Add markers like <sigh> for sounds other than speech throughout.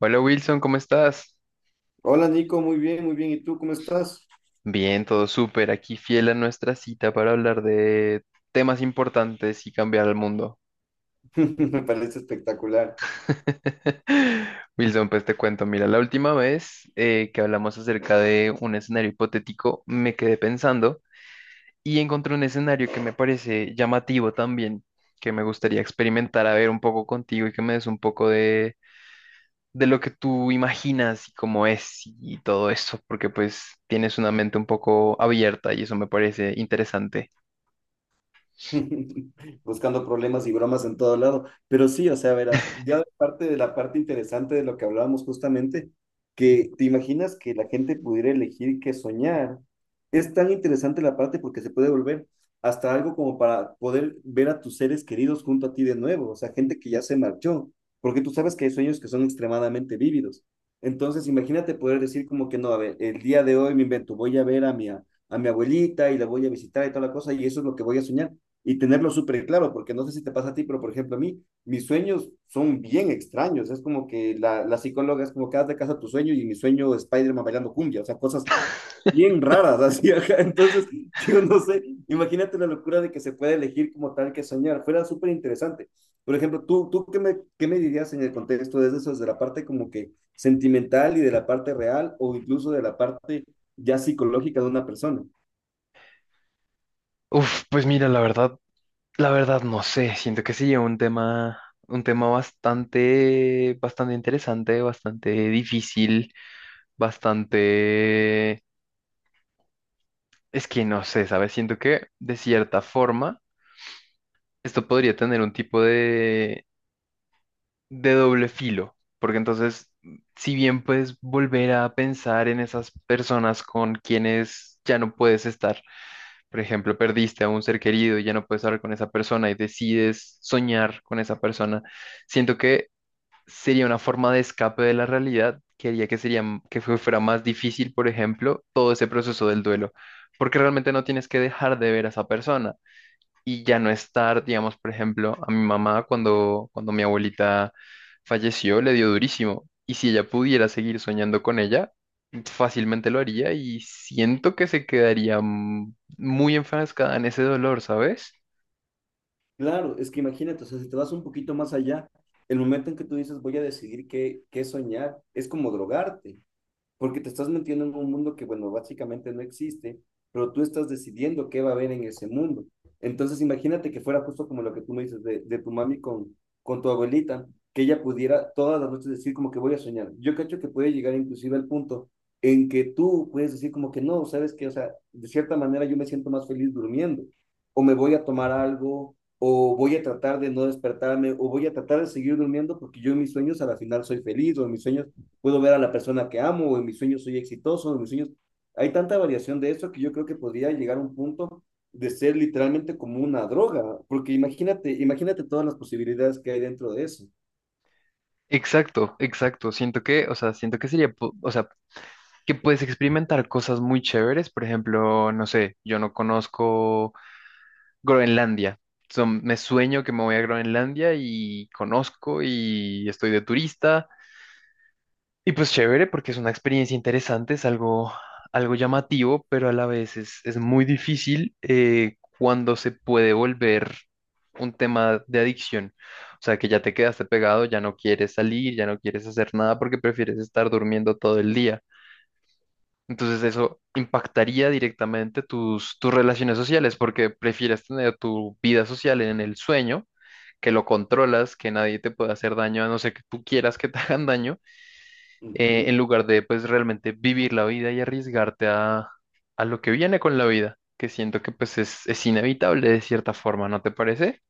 Hola Wilson, ¿cómo estás? Hola Nico, muy bien, muy bien. ¿Y tú cómo estás? Bien, todo súper. Aquí fiel a nuestra cita para hablar de temas importantes y cambiar el mundo. <laughs> Me parece espectacular. <laughs> Wilson, pues te cuento, mira, la última vez que hablamos acerca de un escenario hipotético, me quedé pensando y encontré un escenario que me parece llamativo también, que me gustaría experimentar a ver un poco contigo y que me des un poco de lo que tú imaginas y cómo es y todo eso, porque pues tienes una mente un poco abierta y eso me parece interesante. <laughs> Buscando problemas y bromas en todo lado. Pero sí, o sea, verás, ya de parte de la parte interesante de lo que hablábamos justamente, que te imaginas que la gente pudiera elegir qué soñar. Es tan interesante la parte porque se puede volver hasta algo como para poder ver a tus seres queridos junto a ti de nuevo, o sea, gente que ya se marchó, porque tú sabes que hay sueños que son extremadamente vívidos. Entonces, imagínate poder decir como que no, a ver, el día de hoy me invento, voy a ver a mi abuelita y la voy a visitar y toda la cosa, y eso es lo que voy a soñar y tenerlo súper claro, porque no sé si te pasa a ti, pero por ejemplo a mí, mis sueños son bien extraños, es como que la psicóloga es como que haz de casa tu sueño y mi sueño es Spider-Man bailando cumbia, o sea, cosas bien raras <laughs> así acá, entonces yo no sé, imagínate la locura de que se puede elegir como tal que soñar, fuera súper interesante. Por ejemplo, ¿tú qué me dirías en el contexto de eso, desde la parte como que sentimental y de la parte real o incluso de la parte ya psicológica de una persona? Uf, pues mira, la verdad, no sé, siento que sería un tema bastante, bastante interesante, bastante difícil, bastante. Es que no sé, ¿sabes? Siento que de cierta forma esto podría tener un tipo de doble filo, porque entonces, si bien puedes volver a pensar en esas personas con quienes ya no puedes estar, por ejemplo, perdiste a un ser querido y ya no puedes hablar con esa persona y decides soñar con esa persona, siento que sería una forma de escape de la realidad que haría que sería, fuera más difícil, por ejemplo, todo ese proceso del duelo, porque realmente no tienes que dejar de ver a esa persona y ya no estar, digamos, por ejemplo, a mi mamá cuando, mi abuelita falleció, le dio durísimo. Y si ella pudiera seguir soñando con ella, fácilmente lo haría y siento que se quedaría muy enfrascada en ese dolor, ¿sabes? Claro, es que imagínate, o sea, si te vas un poquito más allá, el momento en que tú dices voy a decidir qué soñar, es como drogarte porque te estás metiendo en un mundo que, bueno, básicamente no existe, pero tú estás decidiendo qué va a haber en ese mundo. Entonces, imagínate que fuera justo como lo que tú me dices de tu mami con tu abuelita, que ella pudiera todas las noches decir como que voy a soñar. Yo cacho que puede llegar inclusive al punto en que tú puedes decir como que no, sabes que, o sea, de cierta manera yo me siento más feliz durmiendo, o me voy a tomar algo, o voy a tratar de no despertarme, o voy a tratar de seguir durmiendo porque yo en mis sueños a la final soy feliz, o en mis sueños puedo ver a la persona que amo, o en mis sueños soy exitoso, o en mis sueños... Hay tanta variación de eso que yo creo que podría llegar a un punto de ser literalmente como una droga, porque imagínate todas las posibilidades que hay dentro de eso. Exacto, exacto. Siento que, o sea, siento que sería, o sea, que puedes experimentar cosas muy chéveres. Por ejemplo, no sé, yo no conozco Groenlandia. So, me sueño que me voy a Groenlandia y conozco y estoy de turista. Y pues chévere, porque es una experiencia interesante, es algo llamativo, pero a la vez es muy difícil cuando se puede volver un tema de adicción. O sea, que ya te quedaste pegado, ya no quieres salir, ya no quieres hacer nada porque prefieres estar durmiendo todo el día. Entonces eso impactaría directamente tus relaciones sociales porque prefieres tener tu vida social en el sueño, que lo controlas, que nadie te puede hacer daño, a no ser que tú quieras que te hagan daño, Uh -huh. en lugar de pues realmente vivir la vida y arriesgarte a lo que viene con la vida, que siento que pues es inevitable de cierta forma, ¿no te parece?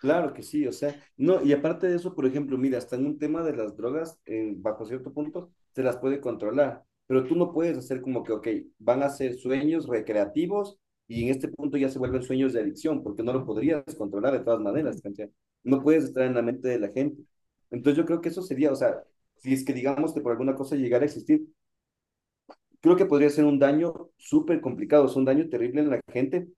Claro que sí, o sea, no, y aparte de eso, por ejemplo, mira, hasta en un tema de las drogas, bajo cierto punto, se las puede controlar, pero tú no puedes hacer como que, ok, van a ser sueños recreativos y en este punto ya se vuelven sueños de adicción, porque no lo podrías controlar de todas maneras, ¿cachai? No puedes estar en la mente de la gente. Entonces yo creo que eso sería, o sea, si es que digamos que por alguna cosa llegara a existir, creo que podría ser un daño súper complicado, es un daño terrible en la gente,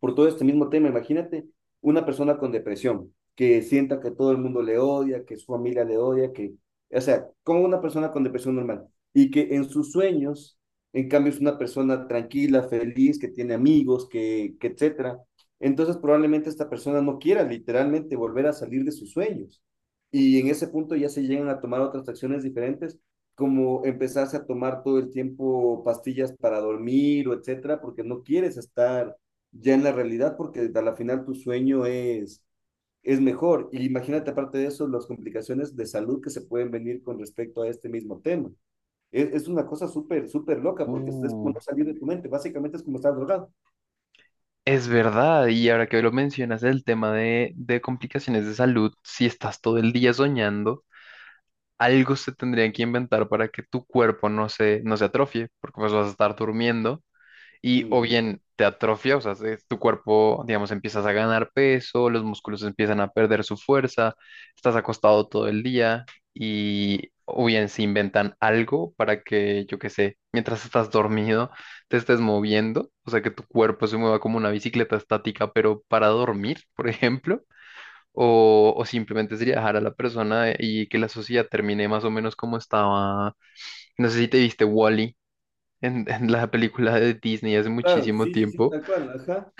por todo este mismo tema. Imagínate una persona con depresión que sienta que todo el mundo le odia, que su familia le odia, que, o sea, como una persona con depresión normal y que en sus sueños, en cambio, es una persona tranquila, feliz, que tiene amigos, que etcétera. Entonces, probablemente esta persona no quiera literalmente volver a salir de sus sueños. Y en ese punto ya se llegan a tomar otras acciones diferentes, como empezarse a tomar todo el tiempo pastillas para dormir o etcétera, porque no quieres estar ya en la realidad, porque a la final tu sueño es mejor. Y imagínate, aparte de eso, las complicaciones de salud que se pueden venir con respecto a este mismo tema. Es una cosa súper, súper loca, porque es como Uh, no salir de tu mente, básicamente es como estar drogado. es verdad, y ahora que lo mencionas, el tema de complicaciones de salud, si estás todo el día soñando, algo se tendría que inventar para que tu cuerpo no se atrofie, porque pues vas a estar durmiendo y o Ujú. bien te atrofia, o sea, tu cuerpo, digamos, empiezas a ganar peso, los músculos empiezan a perder su fuerza, estás acostado todo el día y o bien se inventan algo para que, yo qué sé, mientras estás dormido, te estés moviendo, o sea, que tu cuerpo se mueva como una bicicleta estática, pero para dormir, por ejemplo. O simplemente sería dejar a la persona y que la sociedad termine más o menos como estaba. No sé si te viste wall en la película de Disney hace Claro, muchísimo sí, sí, sí, tiempo. tal cual, ajá.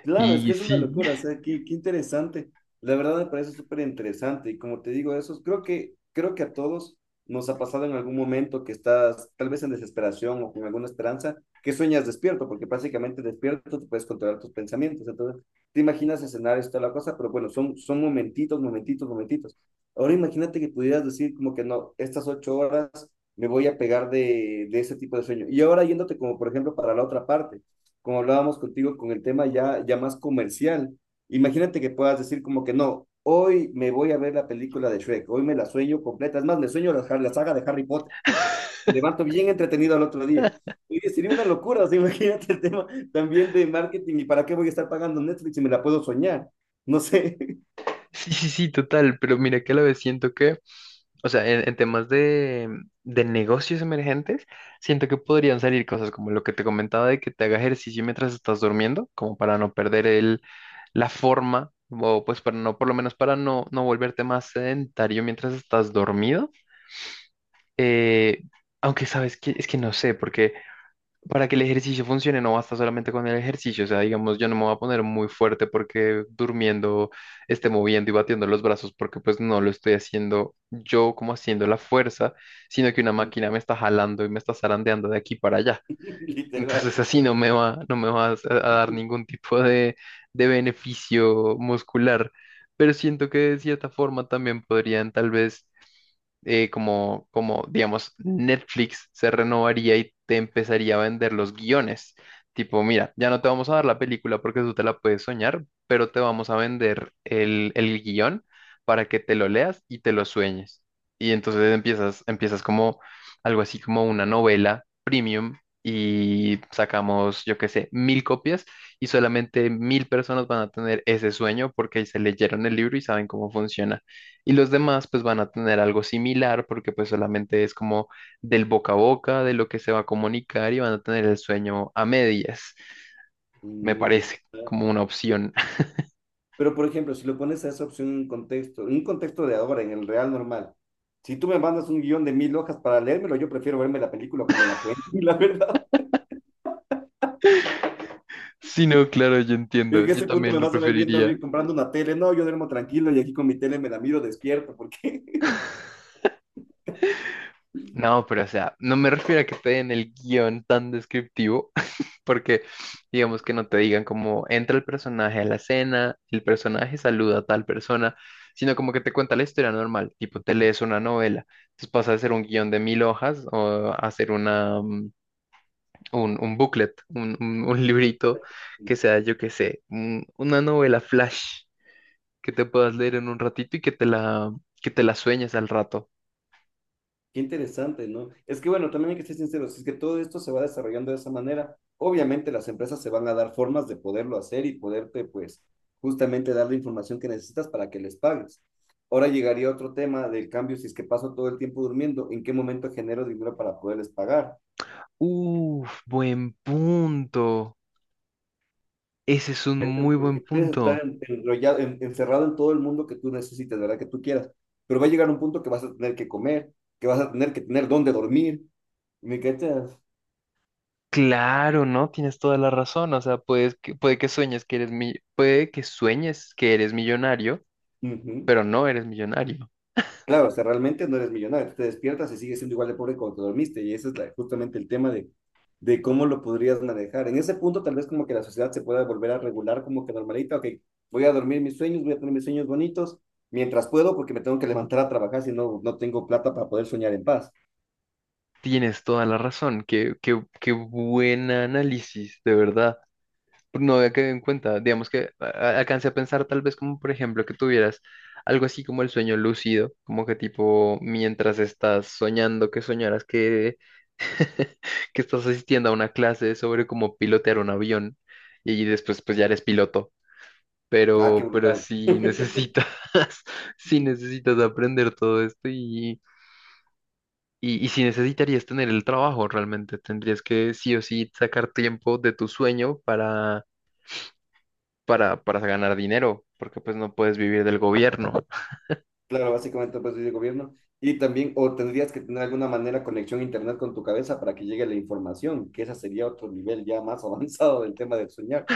Claro, es que Y es una sí, locura, o sea, qué interesante. La verdad me parece súper interesante y como te digo, eso creo creo que a todos nos ha pasado en algún momento que estás tal vez en desesperación o con alguna esperanza, que sueñas despierto, porque básicamente despierto tú puedes controlar tus pensamientos. Entonces, te imaginas escenarios, toda la cosa, pero bueno, son momentitos, momentitos, momentitos. Ahora imagínate que pudieras decir como que no, estas 8 horas me voy a pegar de ese tipo de sueño. Y ahora yéndote como por ejemplo para la otra parte como hablábamos contigo, con el tema ya más comercial. Imagínate que puedas decir como que no, hoy me voy a ver la película de Shrek, hoy me la sueño completa, es más, me sueño la saga de Harry Potter, me <laughs> levanto bien entretenido al otro día. Y sería una locura, o sea, <laughs> imagínate el tema también de marketing y para qué voy a estar pagando Netflix si me la puedo soñar. No sé, sí, sí, sí, total, pero mira que a la vez siento que, o sea, en temas de negocios emergentes, siento que podrían salir cosas como lo que te comentaba de que te haga ejercicio mientras estás durmiendo, como para no perder el, la forma, o pues para no, por lo menos para no volverte más sedentario mientras estás dormido. Eh, Aunque sabes que es que no sé, porque para que el ejercicio funcione, no basta solamente con el ejercicio. O sea, digamos, yo no me voy a poner muy fuerte porque durmiendo esté moviendo y batiendo los brazos porque pues no lo estoy haciendo yo como haciendo la fuerza, sino que una máquina <laughs> me está jalando y me está zarandeando de aquí para allá. literal. Entonces así no me vas a dar ningún tipo de beneficio muscular. Pero siento que de cierta forma también podrían tal vez, como digamos, Netflix se renovaría y te empezaría a vender los guiones. Tipo, mira, ya no te vamos a dar la película porque tú te la puedes soñar, pero te vamos a vender el guión para que te lo leas y te lo sueñes. Y entonces empiezas como algo así como una novela premium y sacamos, yo qué sé, 1.000 copias y solamente 1.000 personas van a tener ese sueño porque se leyeron el libro y saben cómo funciona. Y los demás pues van a tener algo similar porque pues solamente es como del boca a boca de lo que se va a comunicar y van a tener el sueño a medias, me Mm. parece como una opción. <laughs> Pero, por ejemplo, si lo pones a esa opción en un contexto de ahora, en el real normal, si tú me mandas un guión de 1000 hojas para leérmelo, yo prefiero verme la película que me la cuenten, <laughs> la verdad. Sí, no, claro, yo entiendo, En yo ese punto también me lo vas a ver viendo, preferiría. comprando una tele. No, yo duermo tranquilo y aquí con mi tele me la miro despierto, porque No, pero o sea, no me refiero a que te den el guión tan descriptivo, porque digamos que no te digan como entra el personaje a la escena, el personaje saluda a tal persona, sino como que te cuenta la historia normal, tipo te lees una novela. Entonces pasa de ser un guión de 1.000 hojas o a ser una, un booklet, un <laughs> librito que <laughs> sea, yo qué sé, una novela flash que te puedas leer en un ratito y que te la sueñes al rato. qué interesante, ¿no? Es que bueno, también hay que ser sinceros, es que todo esto se va desarrollando de esa manera. Obviamente las empresas se van a dar formas de poderlo hacer y poderte, pues, justamente dar la información que necesitas para que les pagues. Ahora llegaría otro tema del cambio, si es que paso todo el tiempo durmiendo, ¿en qué momento genero dinero para poderles pagar? Uf, buen punto. Ese es un Entonces, muy buen porque puedes estar punto. en- enrollado, en- encerrado en todo el mundo que tú necesites, ¿verdad? Que tú quieras. Pero va a llegar un punto que vas a tener que comer, que vas a tener que tener dónde dormir. ¿Me cachas? Claro, ¿no? Tienes toda la razón. O sea, puede que sueñes que eres millonario, Ujú. pero no eres millonario. Claro, o sea, realmente no eres millonario, tú te despiertas y sigues siendo igual de pobre cuando te dormiste, y ese es la- justamente el tema de cómo lo podrías manejar. En ese punto, tal vez como que la sociedad se pueda volver a regular como que normalita, ok, voy a dormir mis sueños, voy a tener mis sueños bonitos, mientras puedo, porque me tengo que levantar a trabajar, si no, no tengo plata para poder soñar en paz. Tienes toda la razón. Qué buen análisis, de verdad. No había quedado en cuenta. Digamos que alcancé a pensar tal vez como, por ejemplo, que tuvieras algo así como el sueño lúcido, como que tipo, mientras estás soñando, que soñaras que, <laughs> que estás asistiendo a una clase sobre cómo pilotear un avión y después pues ya eres piloto. Ah, qué Pero brutal. sí <laughs> necesitas, <laughs> sí necesitas aprender todo esto y sí necesitarías tener el trabajo realmente, tendrías que sí o sí sacar tiempo de tu sueño para ganar dinero, porque pues no puedes vivir del gobierno. Claro, básicamente pues de gobierno. Y también, o tendrías que tener alguna manera conexión a internet con tu cabeza para que llegue la información, que esa sería otro nivel ya más <laughs> avanzado del tema del soñar.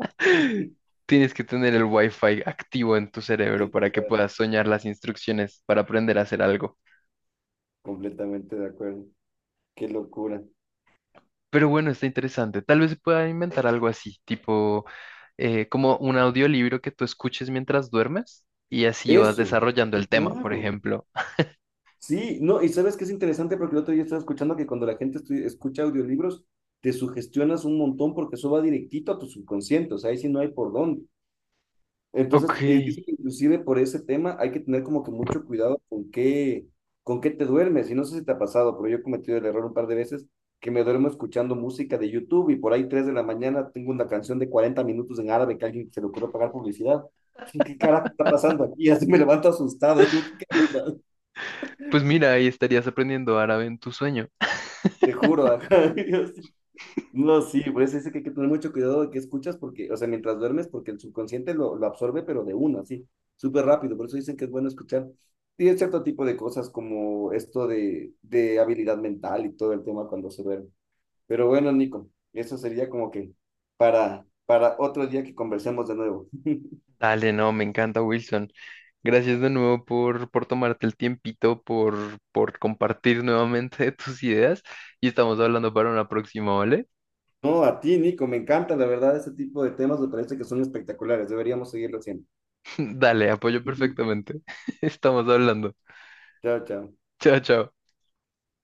<laughs> <laughs> Tienes que tener el wifi activo en tu cerebro para que Literal, puedas soñar las instrucciones para aprender a hacer algo. completamente de acuerdo. Qué locura. Pero bueno, está interesante. Tal vez se pueda inventar algo así, tipo como un audiolibro que tú escuches mientras duermes y así vas Eso. desarrollando Sí, el tema, por claro. ejemplo. Sí, no, y sabes que es interesante porque el otro día estaba escuchando que cuando la gente estu- escucha audiolibros, te sugestionas un montón porque eso va directito a tu subconsciente, o sea, ahí sí no hay por dónde. Ok, Entonces, y dice que inclusive por ese tema hay que tener como que mucho cuidado con qué te duermes. Y no sé si te ha pasado, pero yo he cometido el error un par de veces que me duermo escuchando música de YouTube y por ahí 3 de la mañana tengo una canción de 40 minutos en árabe que a alguien se le ocurrió pagar publicidad. <laughs> ¿Qué carajo está pasando aquí? <laughs> Así me levanto asustado. <laughs> ¿Qué onda? pues mira, ahí estarías aprendiendo árabe en tu sueño. Te juro. <laughs> Ajá. Dios. No, sí, pues es que hay que tener mucho cuidado de qué escuchas, porque, o sea, mientras duermes, porque el subconsciente lo absorbe, pero de una, sí, súper rápido, por eso dicen que es bueno escuchar. Y hay cierto tipo de cosas como esto de habilidad mental y todo el tema cuando se duerme. Pero bueno, Nico, eso sería como que para otro día que conversemos de nuevo. Dale, no, me encanta, Wilson. Gracias de nuevo por tomarte el tiempito, por compartir nuevamente <laughs> tus ideas y estamos hablando para una próxima, ¿vale? No, a ti, Nico, me encanta, la verdad, ese tipo de temas me parece que son espectaculares, deberíamos seguirlo haciendo. <laughs> Dale, apoyo <laughs> perfectamente. <laughs> Estamos hablando. Chao, chao. Chao, chao.